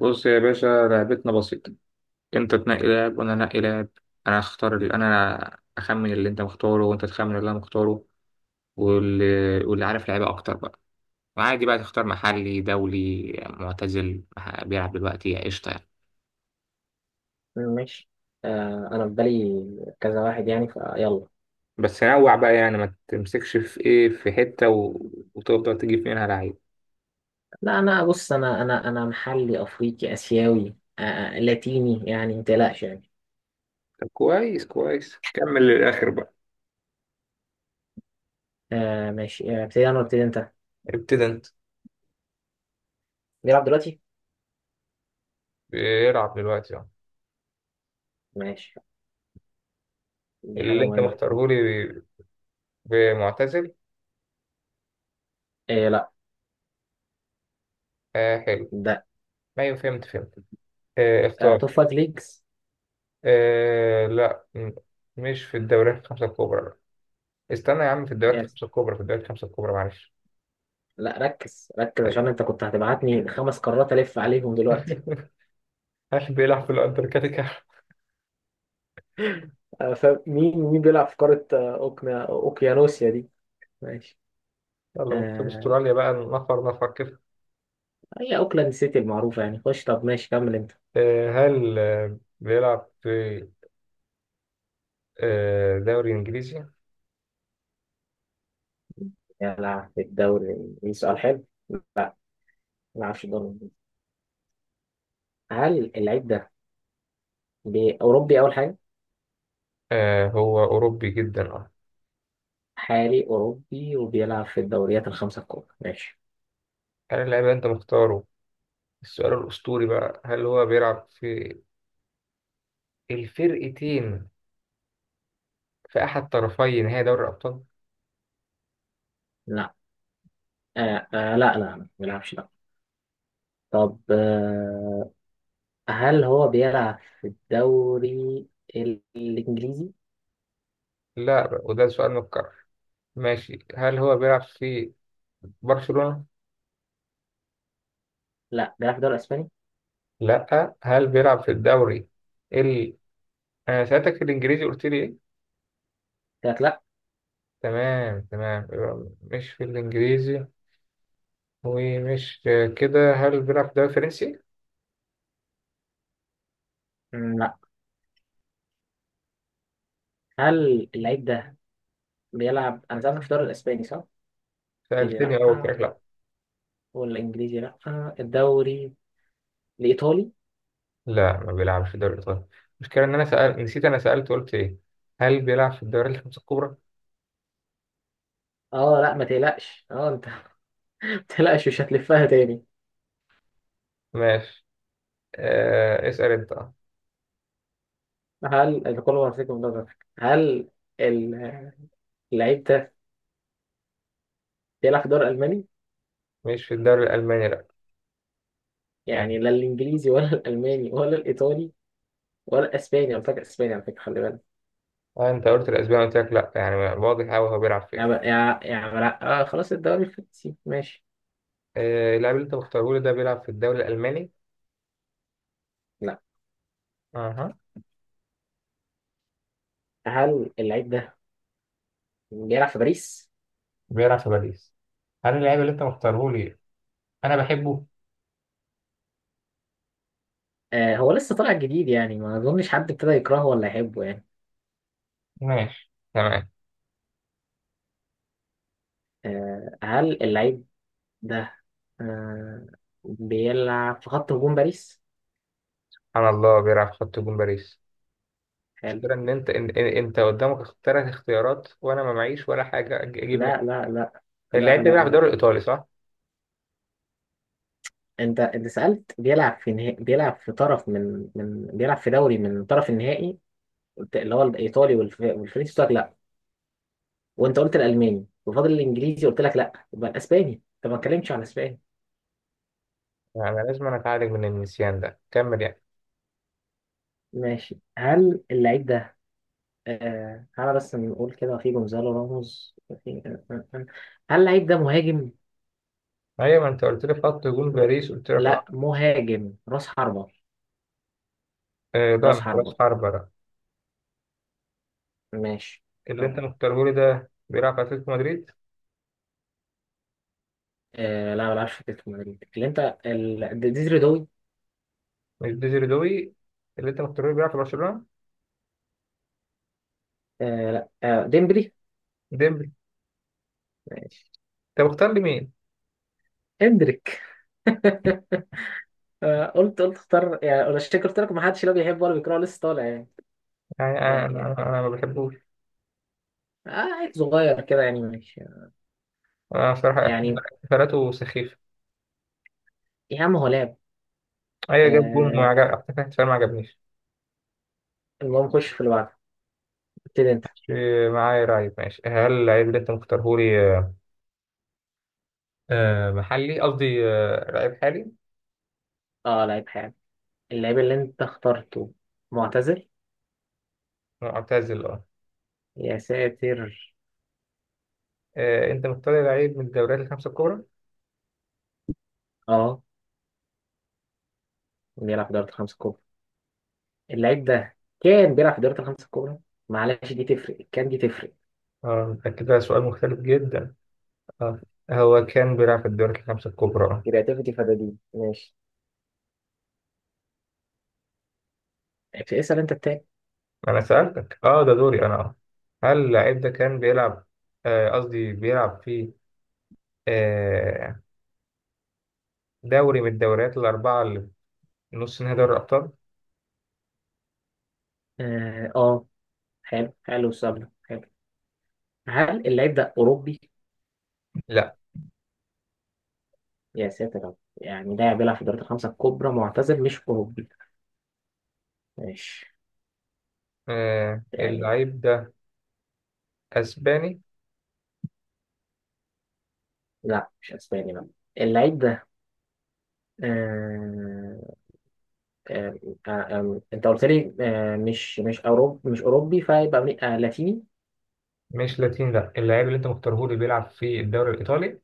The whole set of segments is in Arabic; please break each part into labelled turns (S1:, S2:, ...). S1: بص يا باشا، لعبتنا بسيطة. انت تنقي لاعب وانا انقي لاعب. انا اختار اللي انا اخمن اللي انت مختاره وانت تخمن اللي انا مختاره. واللي, واللي عارف لعيبة اكتر بقى. وعادي بقى تختار محلي دولي معتزل بيلعب دلوقتي، قشطة يعني.
S2: ماشي. انا في بالي كذا واحد، يعني فيلا.
S1: بس نوع بقى يعني، ما تمسكش في ايه، في حتة وتفضل تجيب منها لعيب.
S2: لا، انا بص، انا محلي، افريقي، اسيوي، لاتيني يعني، ما تقلقش يعني.
S1: طب كويس كويس، كمل للآخر بقى.
S2: آه ماشي، ابتدي انا ولا ابتدي انت؟
S1: ابتدى انت.
S2: بيلعب دلوقتي.
S1: بيلعب دلوقتي اه.
S2: ماشي، دي حاجه
S1: اللي انت
S2: مهمه.
S1: مختاره لي بمعتزل.
S2: إيه لا.
S1: آه حلو.
S2: ده
S1: ما فهمت. فهمت.
S2: آه
S1: اختار.
S2: توب فايف ليجز.
S1: آه لا م- مش في الدوريات الخمسة الكبرى لا. استنى يا عم، في الدوريات
S2: يس.
S1: الخمسة الكبرى، في الدوريات الخمسة الكبرى معلش.
S2: لا ركز ركز، عشان
S1: أيوة.
S2: انت كنت هتبعتني خمس قارات، الف عليهم دلوقتي.
S1: هل بيلعب في الأنتاركتيكا؟
S2: فمين مين بيلعب في قاره اوكيانوسيا دي؟ ماشي.
S1: يلا بص،
S2: آه،
S1: أستراليا بقى نفر نفر كده.
S2: هي اوكلاند سيتي المعروفه يعني، خش طب ماشي كمل انت.
S1: آه هل بيلعب في آه دوري إنجليزي؟
S2: يا لا، في الدوري الإنجليزي سؤال حلو. لا، ما أعرفش الدوري الإنجليزي. هل اللعيب ده أوروبي أول حاجة؟
S1: آه هو أوروبي جدا أه.
S2: حالي، أوروبي، وبيلعب في الدوريات الخمسة الكبرى، ماشي.
S1: هل اللاعب اللي أنت مختاره، السؤال الأسطوري بقى، هل هو بيلعب في الفرقتين، في أحد طرفي نهائي دوري الأبطال؟
S2: لا. آه. لا، ما بيلعبش لا. طب آه، هل هو بيلعب في الدوري الإنجليزي؟
S1: لا بقى، وده سؤال متكرر. ماشي، هل هو بيلعب في برشلونة؟
S2: لا، بيلعب في الدوري الإسباني.
S1: لا، هل بيلعب في الدوري ال انا سألتك في الانجليزي، قلت لي ايه؟
S2: قلت لك لا.
S1: تمام تمام، يبقى مش في الانجليزي ومش كده. هل بيلعب في الدوري الفرنسي؟
S2: لا. هل اللعيب ده بيلعب؟ أنا سألتك في الدوري الإسباني صح؟ قلت لي
S1: سألتني
S2: لا.
S1: اول كده لا.
S2: والإنجليزي لا. الدوري الإيطالي.
S1: لا ما بيلعبش في الدوري الايطالي. المشكلة ان انا نسيت انا سألت قلت ايه. هل بيلعب في الدوري الخمسة الكبرى؟
S2: اه لا ما تقلقش، اه انت مش هتلفها تاني.
S1: ماشي. اسأل انت اه.
S2: هل الكل مرتكب من نظرك؟ هل ال- اللعيب ده بيلعب في دوري ألماني؟
S1: مش في الدوري الالماني لا. يعني
S2: يعني لا الإنجليزي ولا الألماني ولا الإيطالي ولا الأسباني. أنا فاكر أسباني على فكرة، خلي بالك.
S1: آه انت قلت الاسباني قلت لك لا، يعني واضح قوي هو بيلعب فين.
S2: يعني لا آه، خلاص الدوري الفرنسي ماشي.
S1: اللاعب اللي انت مختاره لي ده بيلعب في الدوري الالماني؟
S2: لا.
S1: اها.
S2: هل اللعيب ده بيلعب في باريس؟
S1: بيلعب في باريس. هل اللاعب اللي انت مختاره لي انا بحبه؟
S2: آه، هو لسه طالع جديد يعني، ما أظنش حد ابتدى يكرهه ولا يحبه يعني.
S1: ماشي تمام.
S2: آه، هل اللعيب ده آه بيلعب في خط هجوم باريس؟
S1: سبحان الله بيلعب في خط جون باريس.
S2: حلو.
S1: المشكلة ان انت انت قدامك ثلاث اختيارات وانا ما معيش ولا حاجة اجيب منها.
S2: لا.
S1: اللاعب
S2: لا
S1: ده
S2: لا
S1: بيلعب في الدوري
S2: لا
S1: الايطالي صح؟
S2: انت سألت بيلعب في بيلعب في طرف من بيلعب في دوري من طرف النهائي، قلت اللي هو الايطالي والفرنسي قلت لك لا، وانت قلت الالماني، وفاضل الانجليزي قلت لك لا، يبقى الاسباني، طب ما اتكلمتش عن الاسباني.
S1: يعني لازم انا اتعالج من النسيان ده، كمل يعني.
S2: ماشي، هل اللعيب ده تعالى بس نقول كده، في جونزالو راموس، في... آه، آه، آه. هل اللعيب ده مهاجم؟
S1: ايوه ما انت قلت لي في خط جون باريس قلت لك
S2: لا،
S1: اه.
S2: مهاجم راس حربة.
S1: آه، لا
S2: راس
S1: مش راس
S2: حربة،
S1: حربة لا.
S2: ماشي.
S1: اللي انت
S2: طب.
S1: مختاره لي ده بيلعب في اتلتيكو مدريد.
S2: لا، ما بلعبش في اتلتيكو مدريد، اللي انت ديزري دوي.
S1: مش ديزري دوي. اللي انت مختاره لي بيلعب في برشلونة.
S2: لا، ديمبلي.
S1: ديمبلي. انت مختار لي مين؟
S2: هندريك. آه، قلت اختار يعني ولا شكل، قلت لك ما حدش لا بيحب ولا بيكره لسه طالع
S1: يعني انا
S2: يعني.
S1: انا
S2: يعني.
S1: أنا ما بحبوش.
S2: آه، عيل صغير كده يعني ماشي،
S1: بصراحة
S2: يعني.
S1: احتفالاته سخيفة.
S2: يا عم هو لعب
S1: أيوة جاب جون
S2: آه.
S1: وعجب، احتفال احتفال ما عجبنيش.
S2: المهم خش في اللي بعده، ابتدي انت.
S1: مش معايا لعيب. ماشي هل لعيب اللي أنت مختارهولي محلي، قصدي لعيب حالي؟
S2: اه لعيب حالي. اللعيب اللي انت اخترته معتزل.
S1: معتزل اه.
S2: يا ساتر.
S1: أنت مختار لعيب من الدوريات الخمسة الكبرى؟
S2: اه، بيلعب في دوري الخمسة الكبرى. اللعيب ده كان بيلعب في دوري الخمسة الكبرى، معلش دي تفرق، كان دي تفرق.
S1: اه متأكد؟ ده كده سؤال مختلف جدا. اه، هو كان بيلعب في الدوريات الخمسة الكبرى اه.
S2: كرياتيفيتي فدادين ماشي، اسأل انت التاني.
S1: أنا سألتك اه ده دوري أنا اه. هل اللعيب ده كان بيلعب، قصدي بيلعب في آه، دوري من الدوريات الأربعة اللي في نص نهائي دوري الأبطال؟
S2: اه آه، حلو حلو، السؤال ده حلو. هل اللعيب ده أوروبي؟
S1: لا.
S2: يا ساتر يا رب. يعني لاعب بيلعب في الدوريات الخمسة الكبرى، معتزل، مش أوروبي، ماشي،
S1: آه
S2: يعني.
S1: اللعيب ده اسباني.
S2: لا مش أسباني بقى. اللعيب ده آه... آه... أنت قلت لي مش أوروبي، مش أوروبي، فيبقى لاتيني.
S1: مش لاتيني لا. اللعيب اللي انت مختاره لي بيلعب في الدوري الايطالي؟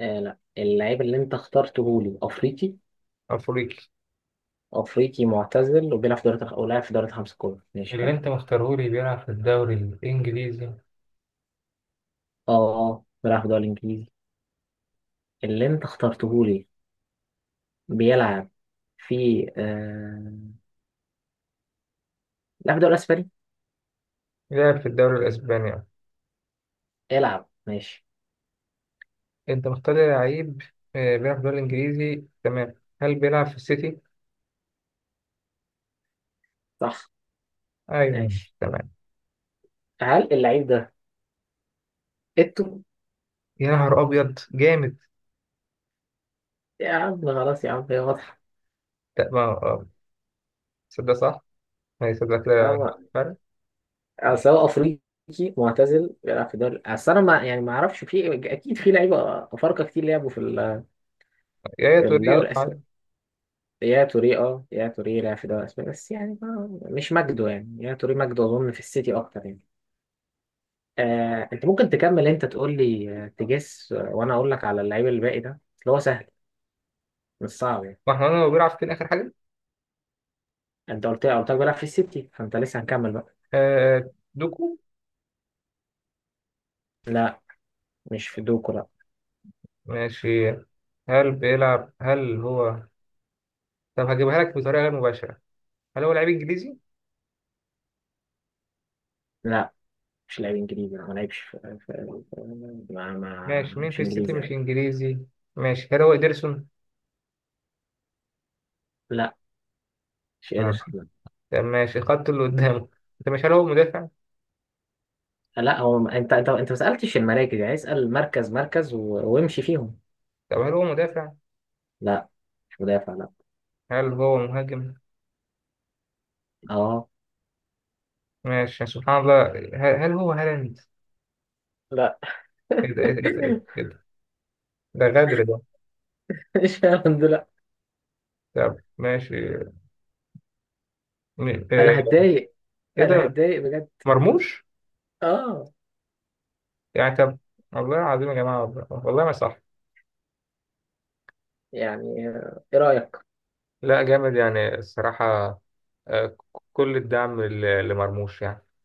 S2: لا، اللعيب اللي أنت اخترته لي أفريقي.
S1: افريقي.
S2: أفريقي، معتزل، وبيلعب في دوريات، أو لاعب في دوريات الخمسة الكبرى، ماشي
S1: اللي
S2: حلو.
S1: انت مختاره لي بيلعب في الدوري الانجليزي.
S2: أه آه، بيلعب في الدوري الإنجليزي. اللي أنت اخترته لي بيلعب في لا في الدوري الاسباني.
S1: بيلعب في الدوري الاسباني آه.
S2: العب ماشي.
S1: انت مختار لي لعيب آه بيلعب في الدوري الانجليزي تمام. هل بيلعب في السيتي؟
S2: صح.
S1: ايوه.
S2: ماشي.
S1: تمام.
S2: هل اللعيب ده إتو؟
S1: يا نهار ابيض، جامد!
S2: يا عم خلاص، يا عم هي واضحة.
S1: لا ما صدق صح. ما يصدق كده،
S2: اه،
S1: فرق.
S2: اصل هو افريقي، معتزل، بيلعب في الدوري، اصل انا ما يعني ما اعرفش، في اكيد في لعيبه افارقه كتير لعبوا في
S1: يا
S2: في
S1: توري
S2: الدوري
S1: عادي.
S2: الاسباني. يا توري، اه يا توري لعب في الدوري الاسباني بس يعني، ما مش مجده يعني، يا توري مجده اظن في السيتي اكتر يعني. آه، انت ممكن تكمل انت، تقول لي آه، تجس آه، وانا اقول لك على اللعيب الباقي ده، اللي هو سهل، مش صعب يعني.
S1: ما احنا قلنا هو بيلعب فين اخر حاجه.
S2: انت قلت لك بيلعب في السيتي، فانت لسه هنكمل بقى.
S1: آه دوكو.
S2: لا، مش في دوكو لا.
S1: ماشي. هل بيلعب هل هو، طب هجيبها لك بطريقة غير مباشرة. هل هو لعيب إنجليزي؟
S2: لا، مش لاعب انجليزي، ما لعبش في... في... في... ما... ما
S1: ماشي، مين
S2: مش
S1: في السيتي
S2: انجليزي
S1: مش
S2: لا.
S1: إنجليزي؟ ماشي، هل هو إيدرسون؟
S2: لا مش قادر.
S1: آه. طب ماشي الخط اللي قدامه. أنت مش، هل هو مدافع؟
S2: لا لا، هو انت ما سالتش المراكز، يعني اسال مركز مركز وامشي فيهم.
S1: طب هل هو مدافع؟
S2: لا، مش مدافع لا.
S1: هل هو مهاجم؟
S2: اه.
S1: ماشي سبحان الله، هل هو هالاند؟
S2: لا.
S1: إيه ده إيه ده إيه ده إيه ده إيه ده، ده غدر ده.
S2: مش هالاند لا.
S1: طب ماشي، م- آه،
S2: انا هتضايق.
S1: إيه
S2: انا
S1: ده،
S2: هتضايق بجد.
S1: مرموش؟
S2: اه.
S1: يعني طب، والله العظيم يا جماعة، والله والله ما صح.
S2: يعني آه، ايه رايك؟
S1: لا جامد يعني الصراحة. آه، ك- كل الدعم لمرموش يعني.